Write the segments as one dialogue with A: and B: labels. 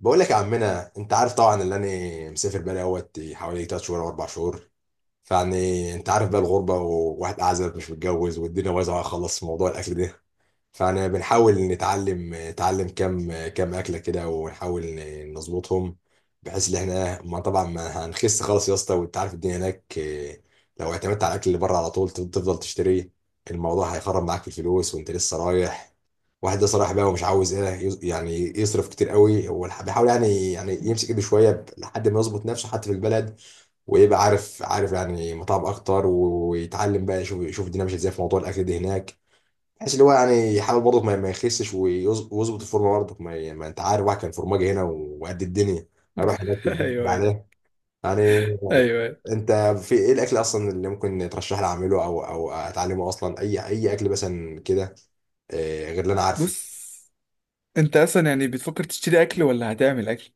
A: بقول لك يا عمنا، انت عارف طبعا اللي انا مسافر بقالي اهوت حوالي 3 شهور او 4 شهور. فيعني انت عارف بقى الغربه، وواحد اعزب مش متجوز، والدنيا بايظه خالص في موضوع الاكل ده. فانا بنحاول نتعلم كام اكله كده، ونحاول نظبطهم، بحيث ان احنا ما طبعا ما هنخس خالص يا اسطى، وانت عارف الدنيا هناك. اه، لو اعتمدت على الاكل اللي بره على طول تفضل تشتري، الموضوع هيخرب معاك في الفلوس وانت لسه رايح. واحد ده صراحة بقى ومش عاوز ايه يعني يصرف كتير قوي. هو بيحاول يعني يمسك ايده شوية لحد ما يظبط نفسه حتى في البلد، ويبقى عارف يعني مطاعم اكتر، ويتعلم بقى يشوف الدنيا ماشية ازاي في موضوع الاكل ده هناك، بحيث اللي هو يعني يحاول برضه ما يخسش، ويظبط الفورمة برضه ما انت عارف، واحد كان فورماجي هنا وقد الدنيا، اروح هناك والدنيا
B: ايوه ايوه
A: عليه يعني.
B: ايوه أيوة.
A: انت في ايه الاكل اصلا اللي ممكن ترشح لي اعمله او اتعلمه اصلا، اي اكل مثلا كده، غير اللي انا عارفه.
B: بص انت اصلا يعني بتفكر تشتري اكل ولا هتعمل اكل؟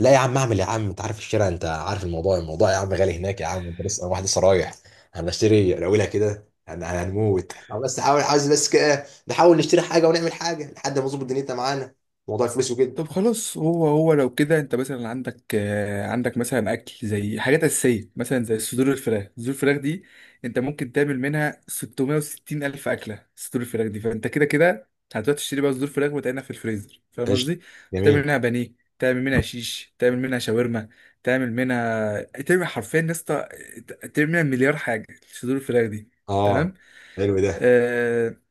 A: لا يا عم اعمل يا عم، انت عارف الشارع، انت عارف الموضوع يا عم غالي هناك يا عم، انت لسه، أنا واحد لسه رايح. هنشتري الاولى كده، هنموت احنا بس، حاول عايز بس كده نحاول نشتري حاجه ونعمل حاجه لحد ما نظبط دنيتنا معانا، موضوع الفلوس وكده.
B: طب خلاص هو لو كده انت مثلا عندك عندك مثلا اكل زي حاجات اساسيه مثلا زي صدور الفراخ، صدور الفراخ دي انت ممكن تعمل منها 660 الف اكله. صدور الفراخ دي فانت كده كده هتروح تشتري بقى صدور فراخ وتعينها في الفريزر، فاهم
A: قشطه.
B: قصدي؟
A: جميل.
B: هتعمل منها بانيه، تعمل منها شيش، تعمل منها شاورما، تعمل حرفيا يا اسطى تعمل منها مليار حاجه، صدور الفراخ دي.
A: اه.
B: تمام؟
A: حلو ده.
B: آه.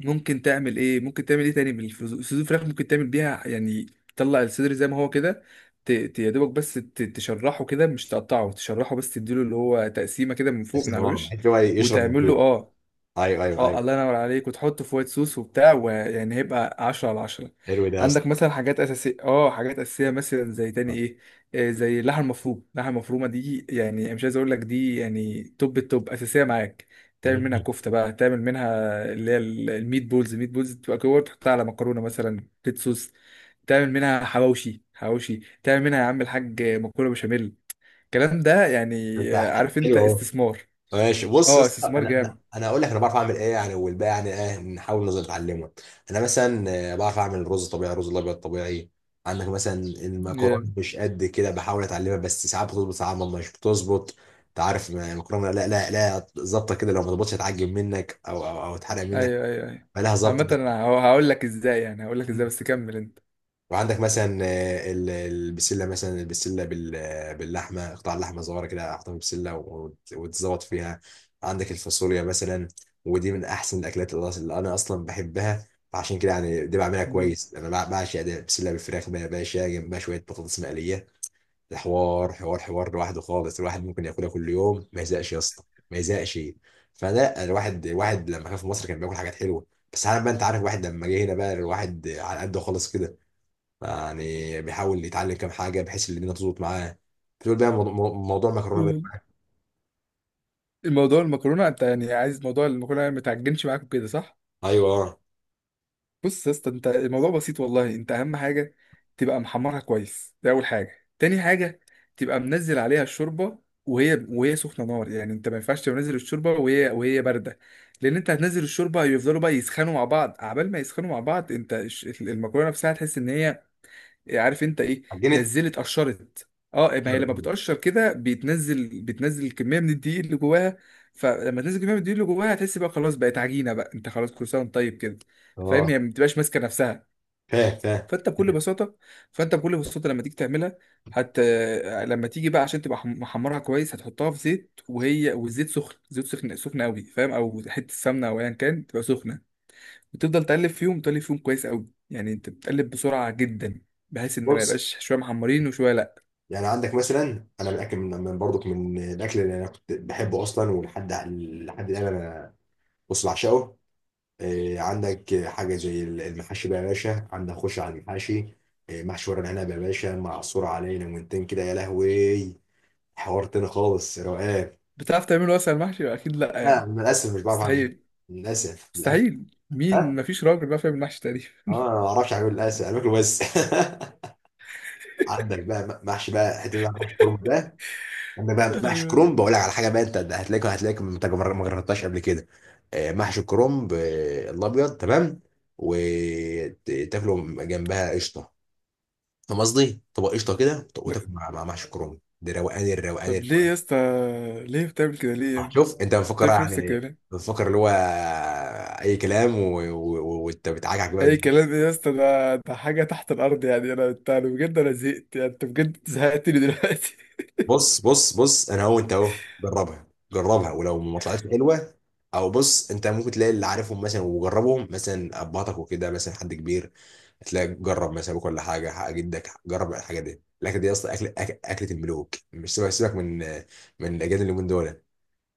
B: ممكن تعمل ايه تاني بالفلوس؟ صدور الفراخ ممكن تعمل بيها يعني تطلع الصدر زي ما هو كده. يا دوبك بس تشرحه كده، مش تقطعه، تشرحه بس، تديله اللي هو تقسيمه كده من فوق، من
A: بس
B: على
A: اه،
B: الوش،
A: بحيث إن هو يشرب
B: وتعمله،
A: مظبوط.
B: اه.
A: ايوه ايوه
B: اه
A: ايوه.
B: الله ينور عليك، وتحطه في وايت صوص وبتاع ويعني هيبقى عشرة على عشرة.
A: حلو ده يا اسطى.
B: عندك مثلا حاجات أساسية، حاجات أساسية مثلا زي تاني
A: آه.
B: ايه؟ زي اللحمة المفرومة، اللحمة المفرومة دي يعني أنا مش عايز اقول لك دي يعني توب التوب، أساسية معاك. تعمل منها
A: مم.
B: كفتة بقى، تعمل منها اللي هي الميت بولز، الميت بولز تبقى كور تحطها على مكرونة مثلا ريد صوص. تعمل منها حواوشي، حواوشي تعمل منها يا عم الحاج، مكرونة بشاميل، الكلام ده يعني.
A: انت.
B: عارف انت؟
A: حلو اهو.
B: استثمار.
A: ماشي. بص يا
B: اه،
A: اسطى،
B: استثمار
A: انا هقول لك، انا بعرف اعمل ايه يعني، والباقي يعني ايه نحاول نظل نتعلمه. انا مثلا، بعرف اعمل رز طبيعي، رز الابيض طبيعي. عندك مثلا المكرونه
B: جامد.
A: مش قد كده، بحاول اتعلمها، بس ساعات بتظبط ساعات مش بتظبط. انت عارف المكرونه، لا لا لا، ظابطه كده، لو ما ظبطتش هتعجب منك او تحرق منك،
B: ايوه ايوه ايوه.
A: فلها ظبطه.
B: عامة انا هقول لك ازاي، يعني هقول لك ازاي، بس كمل انت.
A: وعندك مثلا البسله، مثلا البسله باللحمه، قطع اللحمه صغيره كده احطها في بسله، وتزوط فيها. عندك الفاصوليا مثلا، ودي من احسن الاكلات اللي اللي انا اصلا بحبها، فعشان كده يعني دي بعملها
B: مم.
A: كويس. انا بعشق ده، بسله بالفراخ بقى يا باشا جنبها شويه بطاطس مقليه. الحوار حوار لوحده خالص، الواحد ممكن ياكلها كل يوم ما يزهقش يا اسطى، ما يزهقش. فلا الواحد لما كان في مصر كان بياكل حاجات حلوه، بس عارف بقى، انت عارف واحد لما جه هنا بقى، الواحد على قده خالص كده، يعني بيحاول يتعلم كام حاجه بحيث ان الدنيا تظبط معاه. بتقول بقى موضوع مكرونه
B: قول.
A: بقى.
B: الموضوع المكرونة انت يعني عايز موضوع المكرونة ما تعجنش معاك كده، صح؟
A: ايوه آه.
B: بص يا اسطى، انت الموضوع بسيط والله، انت اهم حاجة تبقى محمرها كويس، دي اول حاجة. تاني حاجة تبقى منزل عليها الشوربة وهي سخنة نار، يعني انت ما ينفعش تنزل الشوربة وهي باردة، لان انت هتنزل الشوربة يفضلوا بقى يسخنوا مع بعض، عبال ما يسخنوا مع بعض انت المكرونة نفسها تحس ان هي، عارف انت ايه،
A: عجينه.
B: نزلت قشرت. اه، ما هي لما بتقشر كده بتنزل، بتنزل كميه من الدقيق اللي جواها، فلما تنزل كميه من الدقيق اللي جواها هتحس بقى خلاص بقت عجينه بقى، انت خلاص كل سنه وانت طيب كده. فاهم؟
A: اه.
B: هي ما بتبقاش ماسكه نفسها.
A: فاهم فاهم.
B: فانت بكل بساطه فانت بكل بساطه لما تيجي تعملها، هت لما تيجي بقى عشان تبقى محمرها كويس هتحطها في زيت وهي والزيت سخن، زيت سخن سخن قوي، فاهم؟ او حته سمنه او ايا كان، تبقى سخنه. بتفضل تقلب فيهم، تقلب فيهم كويس قوي، يعني انت بتقلب بسرعه جدا بحيث ان ما
A: بص
B: يبقاش شويه محمرين وشويه لا.
A: يعني، عندك مثلا، انا متاكد من برضك من الاكل اللي انا كنت بحبه اصلا، ولحد الان انا، بص بعشقه. إيه، عندك حاجه زي المحاشي بقى يا باشا، عندك خش على المحاشي، إيه، محشي ورق العنب يا باشا، معصور عليه ليمونتين كده يا لهوي، حوار تاني خالص، روقان.
B: بتعرف تعمله اصلا المحشي؟ اكيد، لا
A: لا
B: يعني؟
A: للاسف مش بعرف اعمل،
B: مستحيل.
A: للاسف، للاسف.
B: مستحيل مين؟ مفيش راجل بقى فاهم المحشي تقريبا.
A: اه، انا ما اعرفش اعمل الاسئله، انا باكله بس. عندك بقى محشي بقى، حته بقى محشي كرنب ده، عندك بقى محشي
B: ايوه.
A: كرنب، بقول لك على حاجه بقى، انت هتلاقيك ما جربتهاش قبل كده، محشي كرنب، الابيض تمام، وتاكله جنبها قشطه. فاهم قصدي؟ طبق قشطه كده وتاكل
B: لا.
A: مع محشي كرنب ده، روقان، الروقان،
B: طب ليه
A: الروقان.
B: يا اسطى، ليه بتعمل كده، ليه يعني؟
A: شوف، انت بتفكر
B: بتعمل في نفسك كده
A: يعني
B: ليه؟
A: بتفكر اللي هو، اي كلام وانت بتعجعج بقى.
B: اي كلام ايه يا اسطى، ده ده حاجه تحت الارض يعني، انا انت، أنا بجد انا زهقت، يعني انت بجد زهقتني دلوقتي.
A: بص بص بص، انا هو انت اهو، جربها، جربها ولو ما طلعتش حلوه، او بص، انت ممكن تلاقي اللي عارفهم مثلا وجربهم، مثلا ابهاتك وكده، مثلا حد كبير، هتلاقي، جرب مثلا ابوك ولا حاجه، حق جدك، جرب الحاجه دي، الاكله دي اصلا اكل اكله الملوك، مش سيبك، سيبك من الاجيال اليومين دول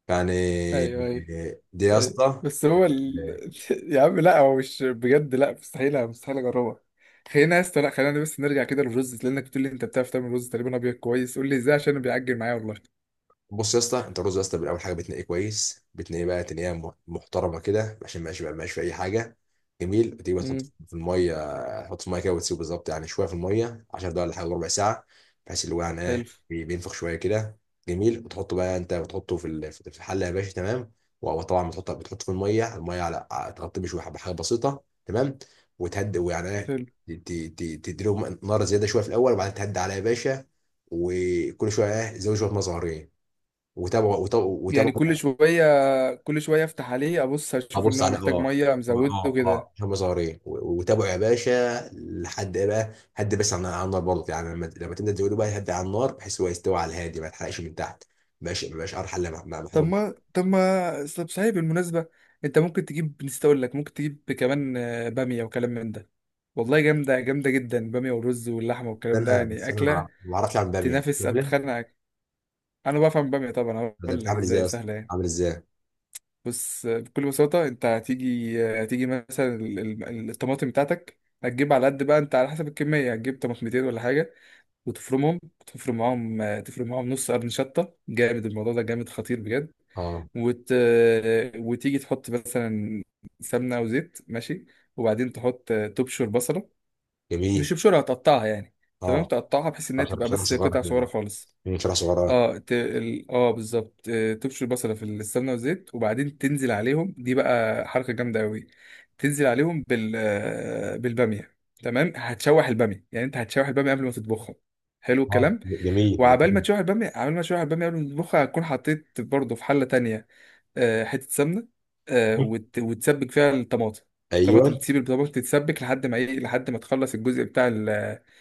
A: يعني،
B: ايوه ايوه.
A: دي يا
B: طيب
A: اسطى.
B: بس هو ال... يا عم لا، هو مش بجد، لا مستحيل، مستحيل اجربها. خلينا يا اسطى، لا خلينا بس نرجع كده للرز، لانك بتقول لي انت بتعرف تعمل رز تقريبا ابيض كويس، قول لي ازاي عشان أنا بيعجل معايا والله.
A: بص يا اسطى، انت الرز يا اسطى، بالاول حاجه بتنقيه كويس، بتنقيه بقى تنقيه محترمه كده عشان ما يبقاش في اي حاجه، جميل، بتيجي تحط
B: امم.
A: في الميه، تحط في الميه كده وتسيبه بالظبط، يعني شويه في الميه 10 دقايق ولا حاجه ربع ساعه، بحيث اللي هو يعني ايه
B: حلو.
A: بينفخ شويه كده، جميل، وتحطه بقى، انت بتحطه في في الحله يا باشا، تمام، وطبعا بتحطه في الميه على تغطيه بشويه، بحاجه بسيطه، تمام، وتهدي ويعني ايه،
B: حلو.
A: ت- ت- ت- تديله نار زياده شويه في الاول، وبعدين تهدي عليها يا باشا، وكل شويه ايه زود شويه ميه صغيرين، وتابعوا وتابعوا
B: يعني كل
A: وتابعوا.
B: شويه، كل شويه افتح عليه ابص اشوف ان
A: ابص
B: هو
A: على
B: محتاج
A: اه،
B: ميه مزوده كده.
A: اه هم صغيرين وتابعوا يا باشا لحد ايه بقى، هدي بس عن على النار برضه يعني، لما تنزل تقولوا بقى هدي على النار، بحيث هو يستوي على الهادي ما يتحرقش من تحت، ما بقاش قرحه الا مع
B: طب
A: محروم.
B: ما طب ما طب صحيح بالمناسبه، انت ممكن تجيب، نسيت اقول لك، ممكن تجيب كمان باميه وكلام من ده. والله جامده، جامده جدا، باميه والرز واللحمه والكلام ده
A: انا
B: يعني
A: بس انا
B: اكله
A: ما اعرفش اعمل باميه، أنت
B: تنافس،
A: بتعملها؟
B: اتخنقك. انا بفهم بقى طبعا،
A: ده
B: هقول لك
A: بتعمل ازاي
B: ازاي،
A: يا اسطى؟
B: سهله يعني.
A: عامل ازاي؟
B: بص بكل بساطه، انت هتيجي، هتيجي مثلا الطماطم بتاعتك، هتجيب على قد بقى انت على حسب الكميه، هتجيب طماطمتين ولا حاجه وتفرمهم، تفرم معاهم، تفرم معاهم نص قرن شطه. جامد الموضوع ده، جامد خطير بجد.
A: اه
B: وت... وتيجي تحط مثلا سمنه او زيت، ماشي. وبعدين تحط، تبشر بصله، مش
A: جميل.
B: تبشرها، هتقطعها يعني، تمام؟
A: اه
B: تقطعها بحيث انها تبقى
A: شرح
B: بس
A: صغير
B: قطع
A: كده
B: صغيره
A: بقى.
B: خالص.
A: مم، شرح صغير.
B: اه ت... اه بالظبط، تبشر البصله في السمنه والزيت، وبعدين تنزل عليهم، دي بقى حركه جامده قوي، تنزل عليهم بال بالباميه، تمام؟ هتشوح الباميه، يعني انت هتشوح الباميه قبل ما تطبخها. حلو
A: اه
B: الكلام.
A: جميل،
B: وعبال ما تشوح الباميه، عبال ما تشوح الباميه قبل ما تطبخها، هتكون حطيت برضه في حله تانية حته سمنه،
A: جميل.
B: وت... وتسبك فيها الطماطم، طماطم،
A: ايوه
B: تسيب الطماطم تتسبك لحد ما ايه، لحد ما تخلص الجزء بتاع، الجزء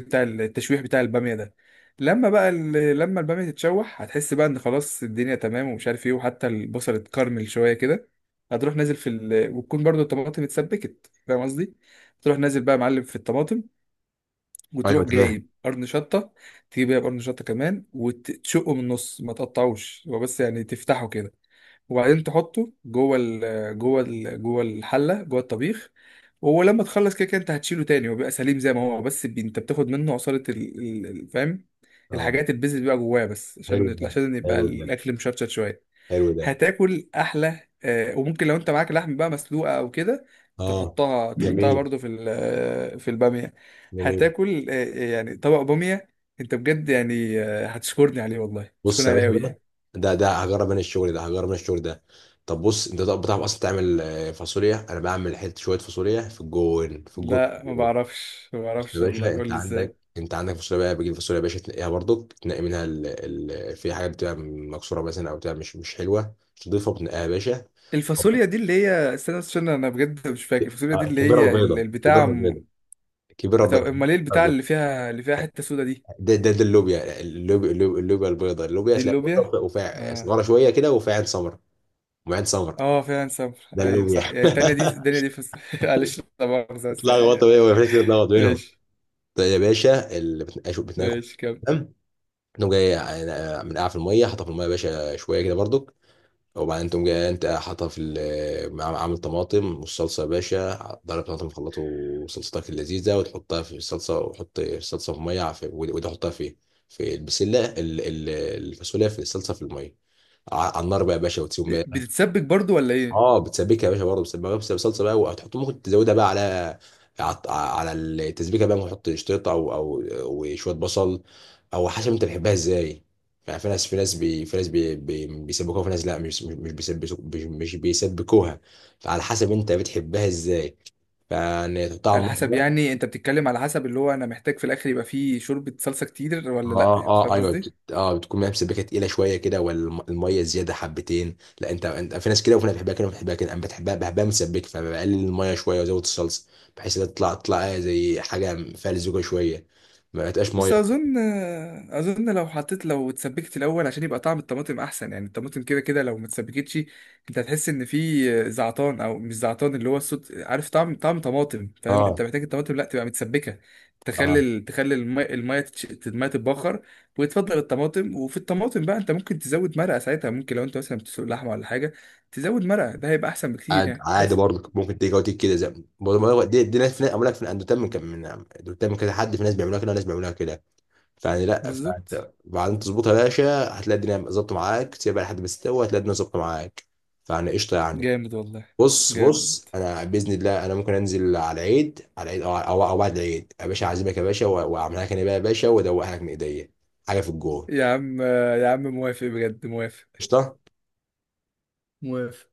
B: بتاع التشويح بتاع الباميه ده. لما بقى لما الباميه تتشوح هتحس بقى ان خلاص الدنيا تمام، ومش عارف ايه، وحتى البصل اتكرمل شويه كده، هتروح نازل في ال... وتكون برضو الطماطم اتسبكت، فاهم قصدي؟ تروح نازل بقى يا معلم في الطماطم، وتروح
A: ايوه. تمام.
B: جايب قرن شطه، تجيب بقى قرن شطه كمان وتشقه من النص، ما تقطعوش هو، بس يعني تفتحه كده، وبعدين تحطه جوه ال، جوه الحله، جوه الطبيخ. ولما تخلص، كده كده انت هتشيله تاني، وبيبقى سليم زي ما هو بس انت بتاخد منه عصاره فاهم؟
A: اه
B: الحاجات البيز اللي بيبقى جواه، بس
A: حلو
B: عشان
A: ده،
B: عشان يبقى
A: حلو ده،
B: الاكل مشطشط شويه،
A: حلو ده.
B: هتاكل احلى. وممكن لو انت معاك لحم بقى مسلوقه او كده،
A: اه
B: تحطها، تحطها
A: جميل.
B: برضو في في الباميه.
A: جميل.
B: هتاكل يعني طبق باميه انت بجد يعني هتشكرني عليه، والله
A: بص
B: هتشكرني
A: يا
B: عليه
A: باشا
B: قوي
A: بقى،
B: يعني.
A: ده هجرب انا الشغل ده، هجرب انا الشغل ده. طب بص انت، طب بتعرف اصلا تعمل فاصوليا، انا بعمل حته شويه فاصوليا في الجون، في الجون،
B: لا
A: في
B: ما
A: الجون.
B: بعرفش، ما
A: بص يا
B: بعرفش والله،
A: باشا،
B: قول لي ازاي.
A: انت عندك فاصوليا بقى، بتجيب فاصوليا يا باشا، تنقيها برضك، تنقي منها ال... في حاجه بتبقى مكسوره مثلا، او بتبقى مش حلوه، تضيفها وتنقيها يا باشا.
B: الفاصوليا دي اللي هي، استنى بس، عشان انا بجد مش فاكر، الفاصوليا دي
A: اه،
B: اللي
A: كبيره
B: هي
A: وبيضه،
B: البتاع
A: كبيره وبيضه،
B: م...
A: كبيره
B: طب
A: وبيضه.
B: امال ايه البتاع اللي فيها، اللي فيها حته سودا دي؟
A: ده اللوبيا، اللوبيا, اللوبيا البيضاء، اللوبيا
B: دي
A: تلاقي
B: اللوبيا؟
A: بيضاء وفيها
B: اه.
A: صغيره شويه كده، وفيها عين سمراء، وعين سمراء،
B: اه، فعلا صبر،
A: ده
B: ايوع صح،
A: اللوبيا.
B: يعني التانية دي الدنيا دي فص... معلش لا مؤاخذة بس
A: اتلخبط
B: يعني.
A: بيه وما فيش كده، اتلخبط بينهم.
B: ماشي.
A: طيب يا باشا، اللي بتناكل بتناكل،
B: ماشي كمل.
A: تمام، تقوم جاي من قاع في الميه، حاطه في الميه يا باشا شويه كده برضو، وبعدين تقوم جاي انت حاطها في عامل طماطم والصلصه يا باشا، ضرب طماطم خلطه وصلصتك اللذيذه، وتحطها في الصلصه، وحط الصلصه في ميه، في وده حطها في، في البسله الفاصوليا، في الصلصه في الميه، على النار بقى يا باشا، وتسيبهم.
B: بتتسبك برضو ولا ايه؟
A: اه بتسبكها يا باشا برضه، بتسبكها بس بصلصه بقى، وهتحط، ممكن تزودها بقى على على التسبيكه بقى، ممكن تحط شطيطه او وشويه بصل، او حسب انت بتحبها ازاي. يعني في ناس في ناس بي في ناس بي بي بيسبكوها، وفي ناس لا مش بيسبكوها، فعلى حسب انت بتحبها ازاي، فيعني تحطها
B: على
A: على
B: حسب،
A: النار.
B: يعني انت بتتكلم على حسب اللي هو انا محتاج في الاخر يبقى فيه شوربة صلصة كتير
A: اه
B: ولا لا،
A: اه اه
B: فاهم
A: ايوه،
B: قصدي؟
A: بتكون ميه مسبكه تقيله شويه كده، والميه زياده حبتين لا، انت في ناس كده، وفي ناس بتحبها كده، وفي ناس بتحبها كده، انا بحبها مسبكه، فبقلل الميه شويه وازود الصلصه، بحيث انها تطلع زي حاجه فيها لزوجه شويه، ما تبقاش
B: بس
A: ميه.
B: اظن، اظن لو حطيت، لو اتسبكت الاول عشان يبقى طعم الطماطم احسن، يعني الطماطم كده كده لو ما اتسبكتش انت هتحس ان في زعتان، او مش زعتان اللي هو الصوت، عارف؟ طعم، طعم طماطم، فاهم؟
A: اه.
B: انت محتاج الطماطم لا تبقى متسبكه، تخلي
A: اه
B: تخلي الماء، الماء الماء تتبخر، وتفضل الطماطم، وفي الطماطم بقى انت ممكن تزود مرقه ساعتها، ممكن لو انت مثلا بتسلق لحمه ولا حاجه تزود مرقه، ده هيبقى احسن بكتير يعني،
A: عادي
B: بس.
A: برضه، ممكن تيجي كده زي برضه ما هو، دي ناس، في ناس اقول لك في اندوتام من كم من اندوتام من كذا حد، في ناس بيعملوها كده، وناس بيعملوها كده، فيعني لا،
B: بالظبط.
A: فانت بعدين تظبطها يا باشا، هتلاقي الدنيا ظبطت معاك، تسيبها لحد ما تستوي، هتلاقي الدنيا ظبطت معاك، فيعني قشطه يعني.
B: جامد والله.
A: بص بص،
B: جامد.
A: انا باذن الله انا ممكن انزل على العيد، او او أو بعد العيد يا باشا، اعزمك يا باشا واعملها لك انا بقى يا باشا، وادوقها لك من ايديا، حاجه في الجون.
B: يا عم، يا عم موافق بجد، موافق،
A: قشطه.
B: موافق